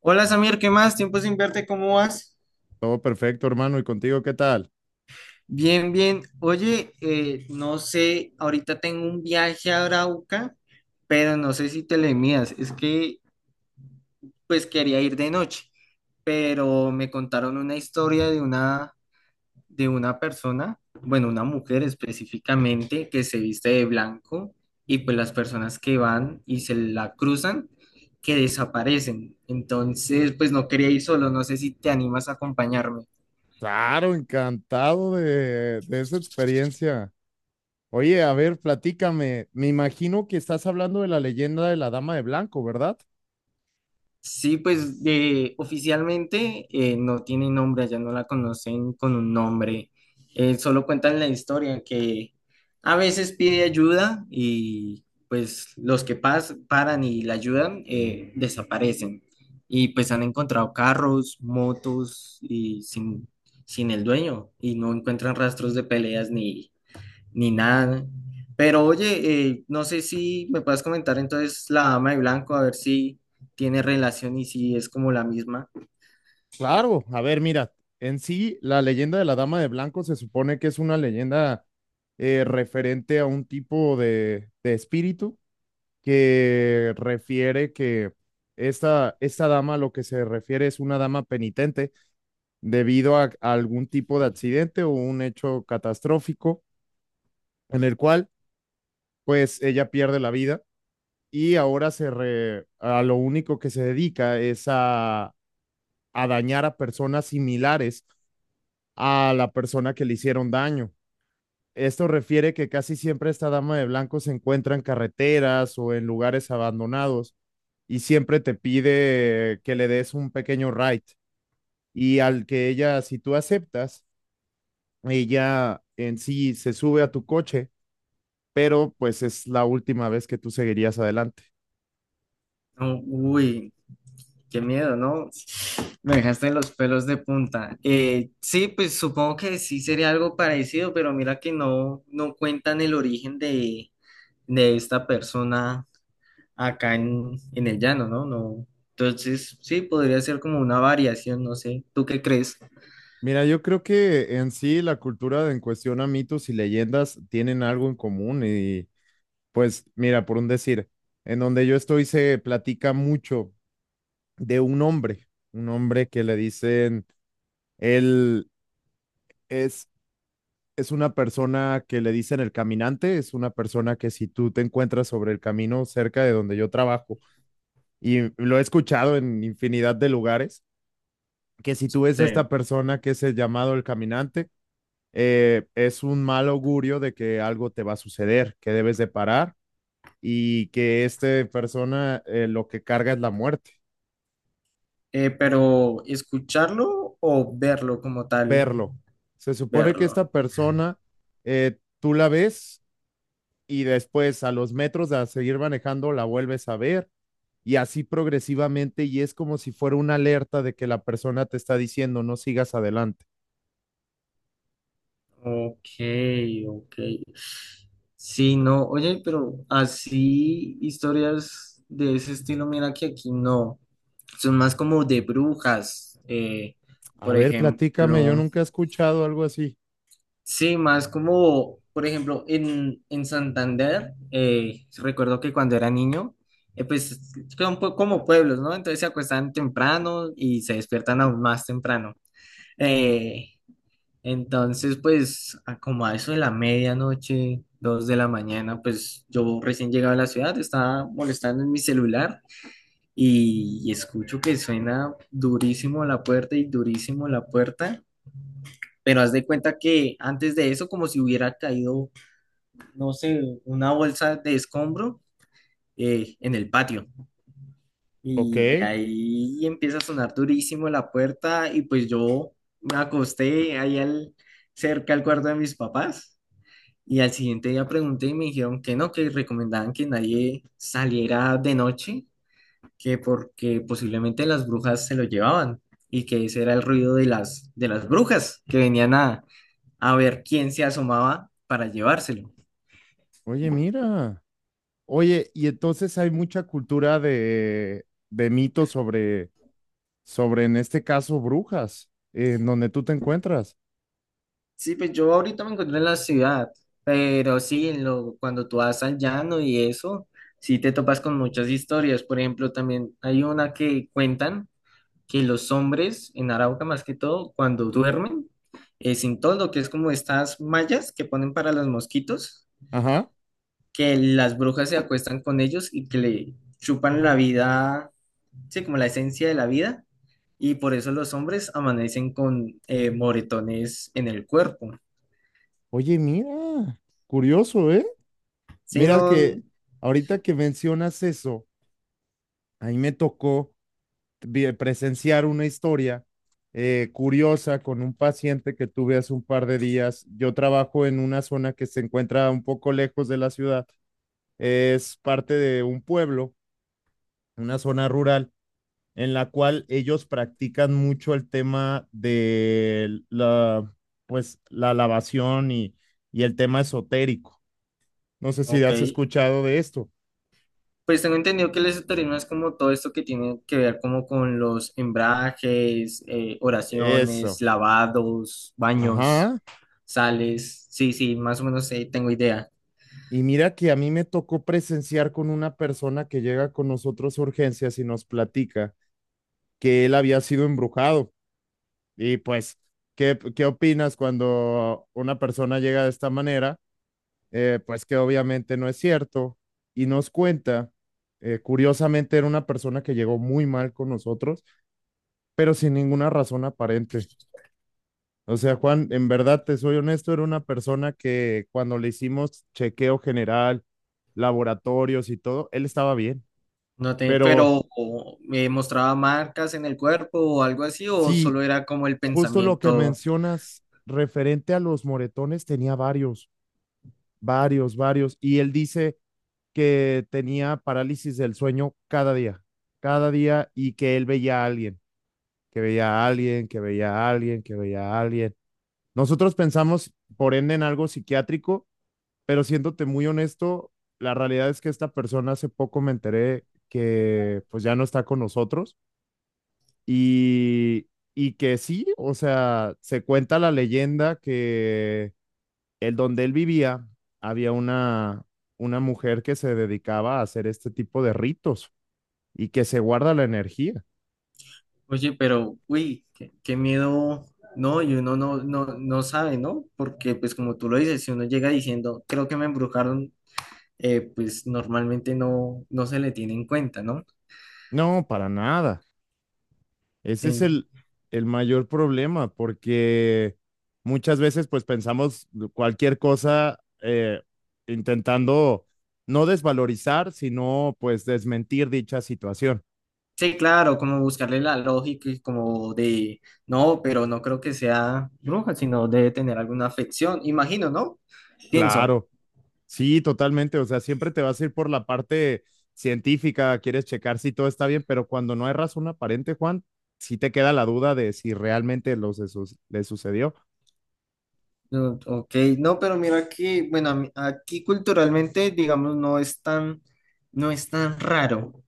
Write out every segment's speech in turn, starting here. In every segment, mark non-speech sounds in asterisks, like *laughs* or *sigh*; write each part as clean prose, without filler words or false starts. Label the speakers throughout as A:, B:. A: Hola Samir, ¿qué más? Tiempo sin verte, ¿cómo vas?
B: Todo perfecto, hermano. ¿Y contigo qué tal?
A: Bien, bien. Oye, no sé, ahorita tengo un viaje a Arauca, pero no sé si te le midas. Quería ir de noche, pero me contaron una historia de una persona, bueno, una mujer específicamente, que se viste de blanco y pues las personas que van y se la cruzan, que desaparecen. Entonces, pues, no quería ir solo, no sé si te animas a acompañarme.
B: Claro, encantado de esa experiencia. Oye, a ver, platícame. Me imagino que estás hablando de la leyenda de la Dama de Blanco, ¿verdad?
A: Sí, pues de, oficialmente no tiene nombre, allá no la conocen con un nombre. Solo cuentan la historia que a veces pide ayuda y pues los que paran y la ayudan, desaparecen y pues. Han encontrado carros, motos y sin el dueño y no encuentran rastros de peleas ni nada. Pero oye, no sé si me puedes comentar entonces La Dama de Blanco, a ver si tiene relación y si es como la misma.
B: Claro, a ver, mira, en sí, la leyenda de la Dama de Blanco se supone que es una leyenda referente a un tipo de espíritu que refiere que esta dama, lo que se refiere es una dama penitente debido a algún tipo de accidente o un hecho catastrófico en el cual pues ella pierde la vida y ahora a lo único que se dedica es a dañar a personas similares a la persona que le hicieron daño. Esto refiere que casi siempre esta dama de blanco se encuentra en carreteras o en lugares abandonados y siempre te pide que le des un pequeño ride. Y al que ella, si tú aceptas, y ya en sí se sube a tu coche, pero pues es la última vez que tú seguirías adelante.
A: No, uy, qué miedo, ¿no? Me dejaste los pelos de punta. Sí, pues supongo que sí sería algo parecido, pero mira que no, no cuentan el origen de esta persona acá en el llano, ¿no? No. Entonces, sí, podría ser como una variación, no sé. ¿Tú qué crees?
B: Mira, yo creo que en sí la cultura de en cuestión a mitos y leyendas tienen algo en común y pues mira, por un decir, en donde yo estoy se platica mucho de un hombre que le dicen, él es, es una persona que le dicen el caminante, es una persona que si tú te encuentras sobre el camino cerca de donde yo trabajo y lo he escuchado en infinidad de lugares, que si tú ves a
A: Sí.
B: esta persona que es el llamado el caminante, es un mal augurio de que algo te va a suceder, que debes de parar y que esta persona lo que carga es la muerte,
A: Pero escucharlo o verlo como tal,
B: verlo. Se supone que
A: verlo.
B: esta persona tú la ves y después a los metros de seguir manejando la vuelves a ver y así progresivamente y es como si fuera una alerta de que la persona te está diciendo no sigas adelante.
A: Ok, ok. Sí, no, oye, pero así historias de ese estilo, mira que aquí no. Son más como de brujas,
B: A
A: por
B: ver, platícame, yo
A: ejemplo.
B: nunca he escuchado algo así.
A: Sí, más como, por ejemplo, en Santander, recuerdo que cuando era niño, pues son como pueblos, ¿no? Entonces se acuestan temprano y se despiertan aún más temprano. Eh, a como a eso de la medianoche, dos de la mañana, pues yo recién llegaba a la ciudad, estaba molestando en mi celular y escucho que suena durísimo la puerta y durísimo la puerta, pero haz de cuenta que antes de eso, como si hubiera caído, no sé, una bolsa de escombro, en el patio.
B: Ok.
A: Y de ahí empieza a sonar durísimo la puerta y pues yo me acosté cerca al cuarto de mis papás y al siguiente día pregunté y me dijeron que no, que recomendaban que nadie saliera de noche, que porque posiblemente las brujas se lo llevaban y que ese era el ruido de de las brujas que venían a ver quién se asomaba para llevárselo.
B: Oye, mira. Oye, y entonces hay mucha cultura de mitos sobre, sobre, en este caso, brujas, en donde tú te encuentras.
A: Sí, pues yo ahorita me encuentro en la ciudad, pero sí, cuando tú vas al llano y eso, sí te topas con muchas historias. Por ejemplo, también hay una que cuentan que los hombres en Arauca, más que todo, cuando duermen, sin toldo, que es como estas mallas que ponen para los mosquitos,
B: Ajá.
A: que las brujas se acuestan con ellos y que le chupan la vida, sí, como la esencia de la vida, y por eso los hombres amanecen con moretones en el cuerpo.
B: Oye, mira, curioso, ¿eh?
A: Sí,
B: Mira
A: no,
B: que ahorita que mencionas eso, ahí me tocó presenciar una historia curiosa con un paciente que tuve hace un par de días. Yo trabajo en una zona que se encuentra un poco lejos de la ciudad. Es parte de un pueblo, una zona rural, en la cual ellos practican mucho el tema de la, pues, la lavación y el tema esotérico. No sé si
A: Ok,
B: has escuchado de esto.
A: pues tengo entendido que el esoterismo es como todo esto que tiene que ver como con los embrajes, oraciones,
B: Eso.
A: lavados, baños,
B: Ajá.
A: sales. Sí, sí, más o menos, tengo idea.
B: Y mira que a mí me tocó presenciar con una persona que llega con nosotros a urgencias y nos platica que él había sido embrujado. Y pues, ¿qué, qué opinas cuando una persona llega de esta manera? Pues que obviamente no es cierto. Y nos cuenta, curiosamente era una persona que llegó muy mal con nosotros, pero sin ninguna razón aparente. O sea, Juan, en verdad te soy honesto, era una persona que cuando le hicimos chequeo general, laboratorios y todo, él estaba bien.
A: No te,
B: Pero
A: pero o, ¿me mostraba marcas en el cuerpo o algo así o
B: sí,
A: solo era como el
B: justo lo que
A: pensamiento?
B: mencionas referente a los moretones, tenía varios, varios, varios. Y él dice que tenía parálisis del sueño cada día y que él veía a alguien, que veía a alguien, que veía a alguien, que veía a alguien. Nosotros pensamos, por ende, en algo psiquiátrico, pero siéndote muy honesto, la realidad es que esta persona hace poco me enteré que pues ya no está con nosotros. Y, y que sí, o sea, se cuenta la leyenda que el donde él vivía había una mujer que se dedicaba a hacer este tipo de ritos y que se guarda la energía.
A: Oye, pero uy, qué, qué miedo. No, y uno no, no, no sabe, ¿no? Porque pues como tú lo dices, si uno llega diciendo, creo que me embrujaron, pues normalmente no, no se le tiene en cuenta, ¿no?
B: No, para nada. Ese es
A: En-
B: el mayor problema porque muchas veces pues pensamos cualquier cosa intentando no desvalorizar, sino pues desmentir dicha situación.
A: sí, claro, como buscarle la lógica y no, pero no creo que sea bruja, sino debe tener alguna afección, imagino, ¿no? Pienso.
B: Claro. Sí, totalmente. O sea, siempre te vas a ir por la parte científica, quieres checar si todo está bien, pero cuando no hay razón aparente, Juan, sí te queda la duda de si realmente le sucedió.
A: No, Ok, no, pero mira que, bueno, aquí culturalmente, digamos, no es tan raro.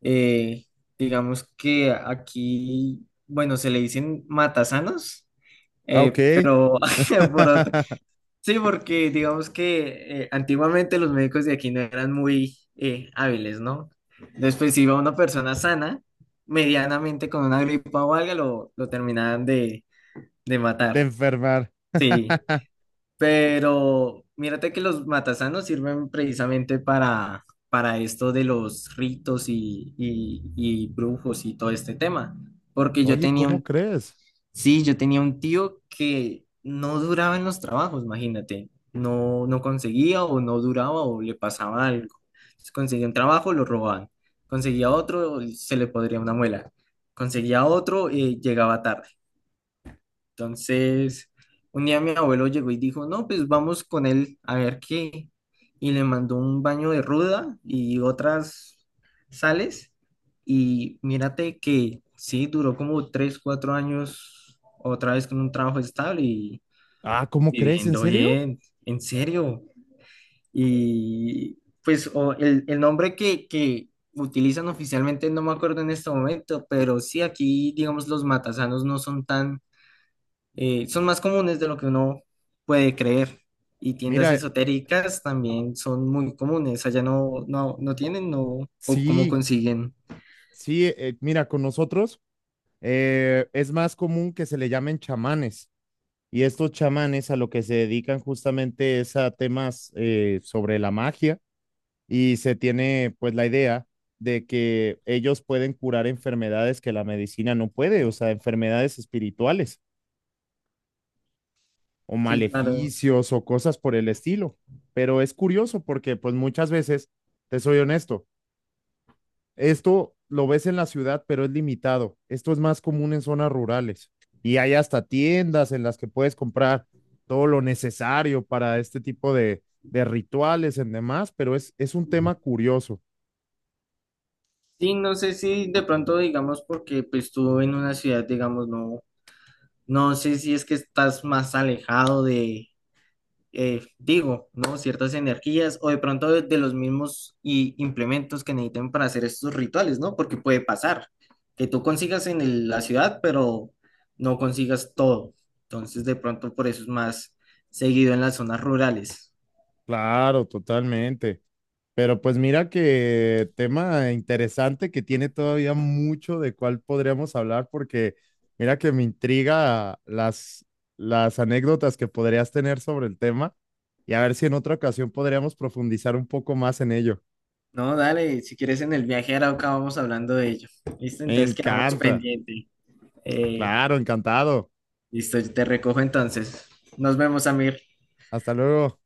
A: Eh, digamos que aquí, bueno, se le dicen matasanos,
B: Ah, ok.
A: pero *laughs* por
B: *laughs*
A: sí, porque digamos que antiguamente los médicos de aquí no eran muy, hábiles, ¿no? Después si iba una persona sana, medianamente con una gripa o algo, lo terminaban de
B: De
A: matar.
B: enfermar.
A: Sí,
B: *laughs*
A: pero mírate que los matasanos sirven precisamente para esto de los ritos y brujos y todo este tema. Porque yo
B: Oye,
A: tenía
B: ¿cómo
A: un
B: crees?
A: sí, yo tenía un tío que no duraba en los trabajos, imagínate. No, no conseguía o no duraba o le pasaba algo. Entonces, conseguía un trabajo, lo robaban. Conseguía otro, se le podría una muela. Conseguía otro, y llegaba tarde. Entonces, un día mi abuelo llegó y dijo, no, pues vamos con él a ver qué. Y le mandó un baño de ruda y otras sales. Y mírate que sí, duró como tres, cuatro años otra vez con un trabajo estable y
B: Ah, ¿cómo crees? ¿En
A: viviendo
B: serio?
A: bien, en serio. Y pues o el nombre que utilizan oficialmente no me acuerdo en este momento, pero sí, aquí digamos los matasanos no son tan, son más comunes de lo que uno puede creer. Y tiendas
B: Mira,
A: esotéricas también son muy comunes. Allá no, no, no tienen, no, o cómo
B: sí,
A: consiguen.
B: sí, mira, con nosotros es más común que se le llamen chamanes. Y estos chamanes a lo que se dedican justamente es a temas sobre la magia y se tiene pues la idea de que ellos pueden curar enfermedades que la medicina no puede, o sea, enfermedades espirituales o
A: Sí, claro.
B: maleficios o cosas por el estilo. Pero es curioso porque pues muchas veces, te soy honesto, esto lo ves en la ciudad, pero es limitado. Esto es más común en zonas rurales y hay hasta tiendas en las que puedes comprar todo lo necesario para este tipo de rituales en demás, pero es un tema curioso.
A: Sí, no sé si de pronto, digamos, porque pues tú en una ciudad, digamos, no, no sé si es que estás más alejado de, digo, ¿no? Ciertas energías o de pronto de los mismos y implementos que necesiten para hacer estos rituales, ¿no? Porque puede pasar que tú consigas en la ciudad, pero no consigas todo. Entonces, de pronto por eso es más seguido en las zonas rurales.
B: Claro, totalmente. Pero pues mira que tema interesante que tiene todavía mucho de cuál podríamos hablar, porque mira que me intriga las anécdotas que podrías tener sobre el tema y a ver si en otra ocasión podríamos profundizar un poco más en ello.
A: No, dale, si quieres en el viaje a Arauca vamos hablando de ello. ¿Listo?
B: Me
A: Entonces quedamos
B: encanta.
A: pendiente. Eh,
B: Claro, encantado.
A: listo, yo te recojo entonces. Nos vemos, Amir.
B: Hasta luego.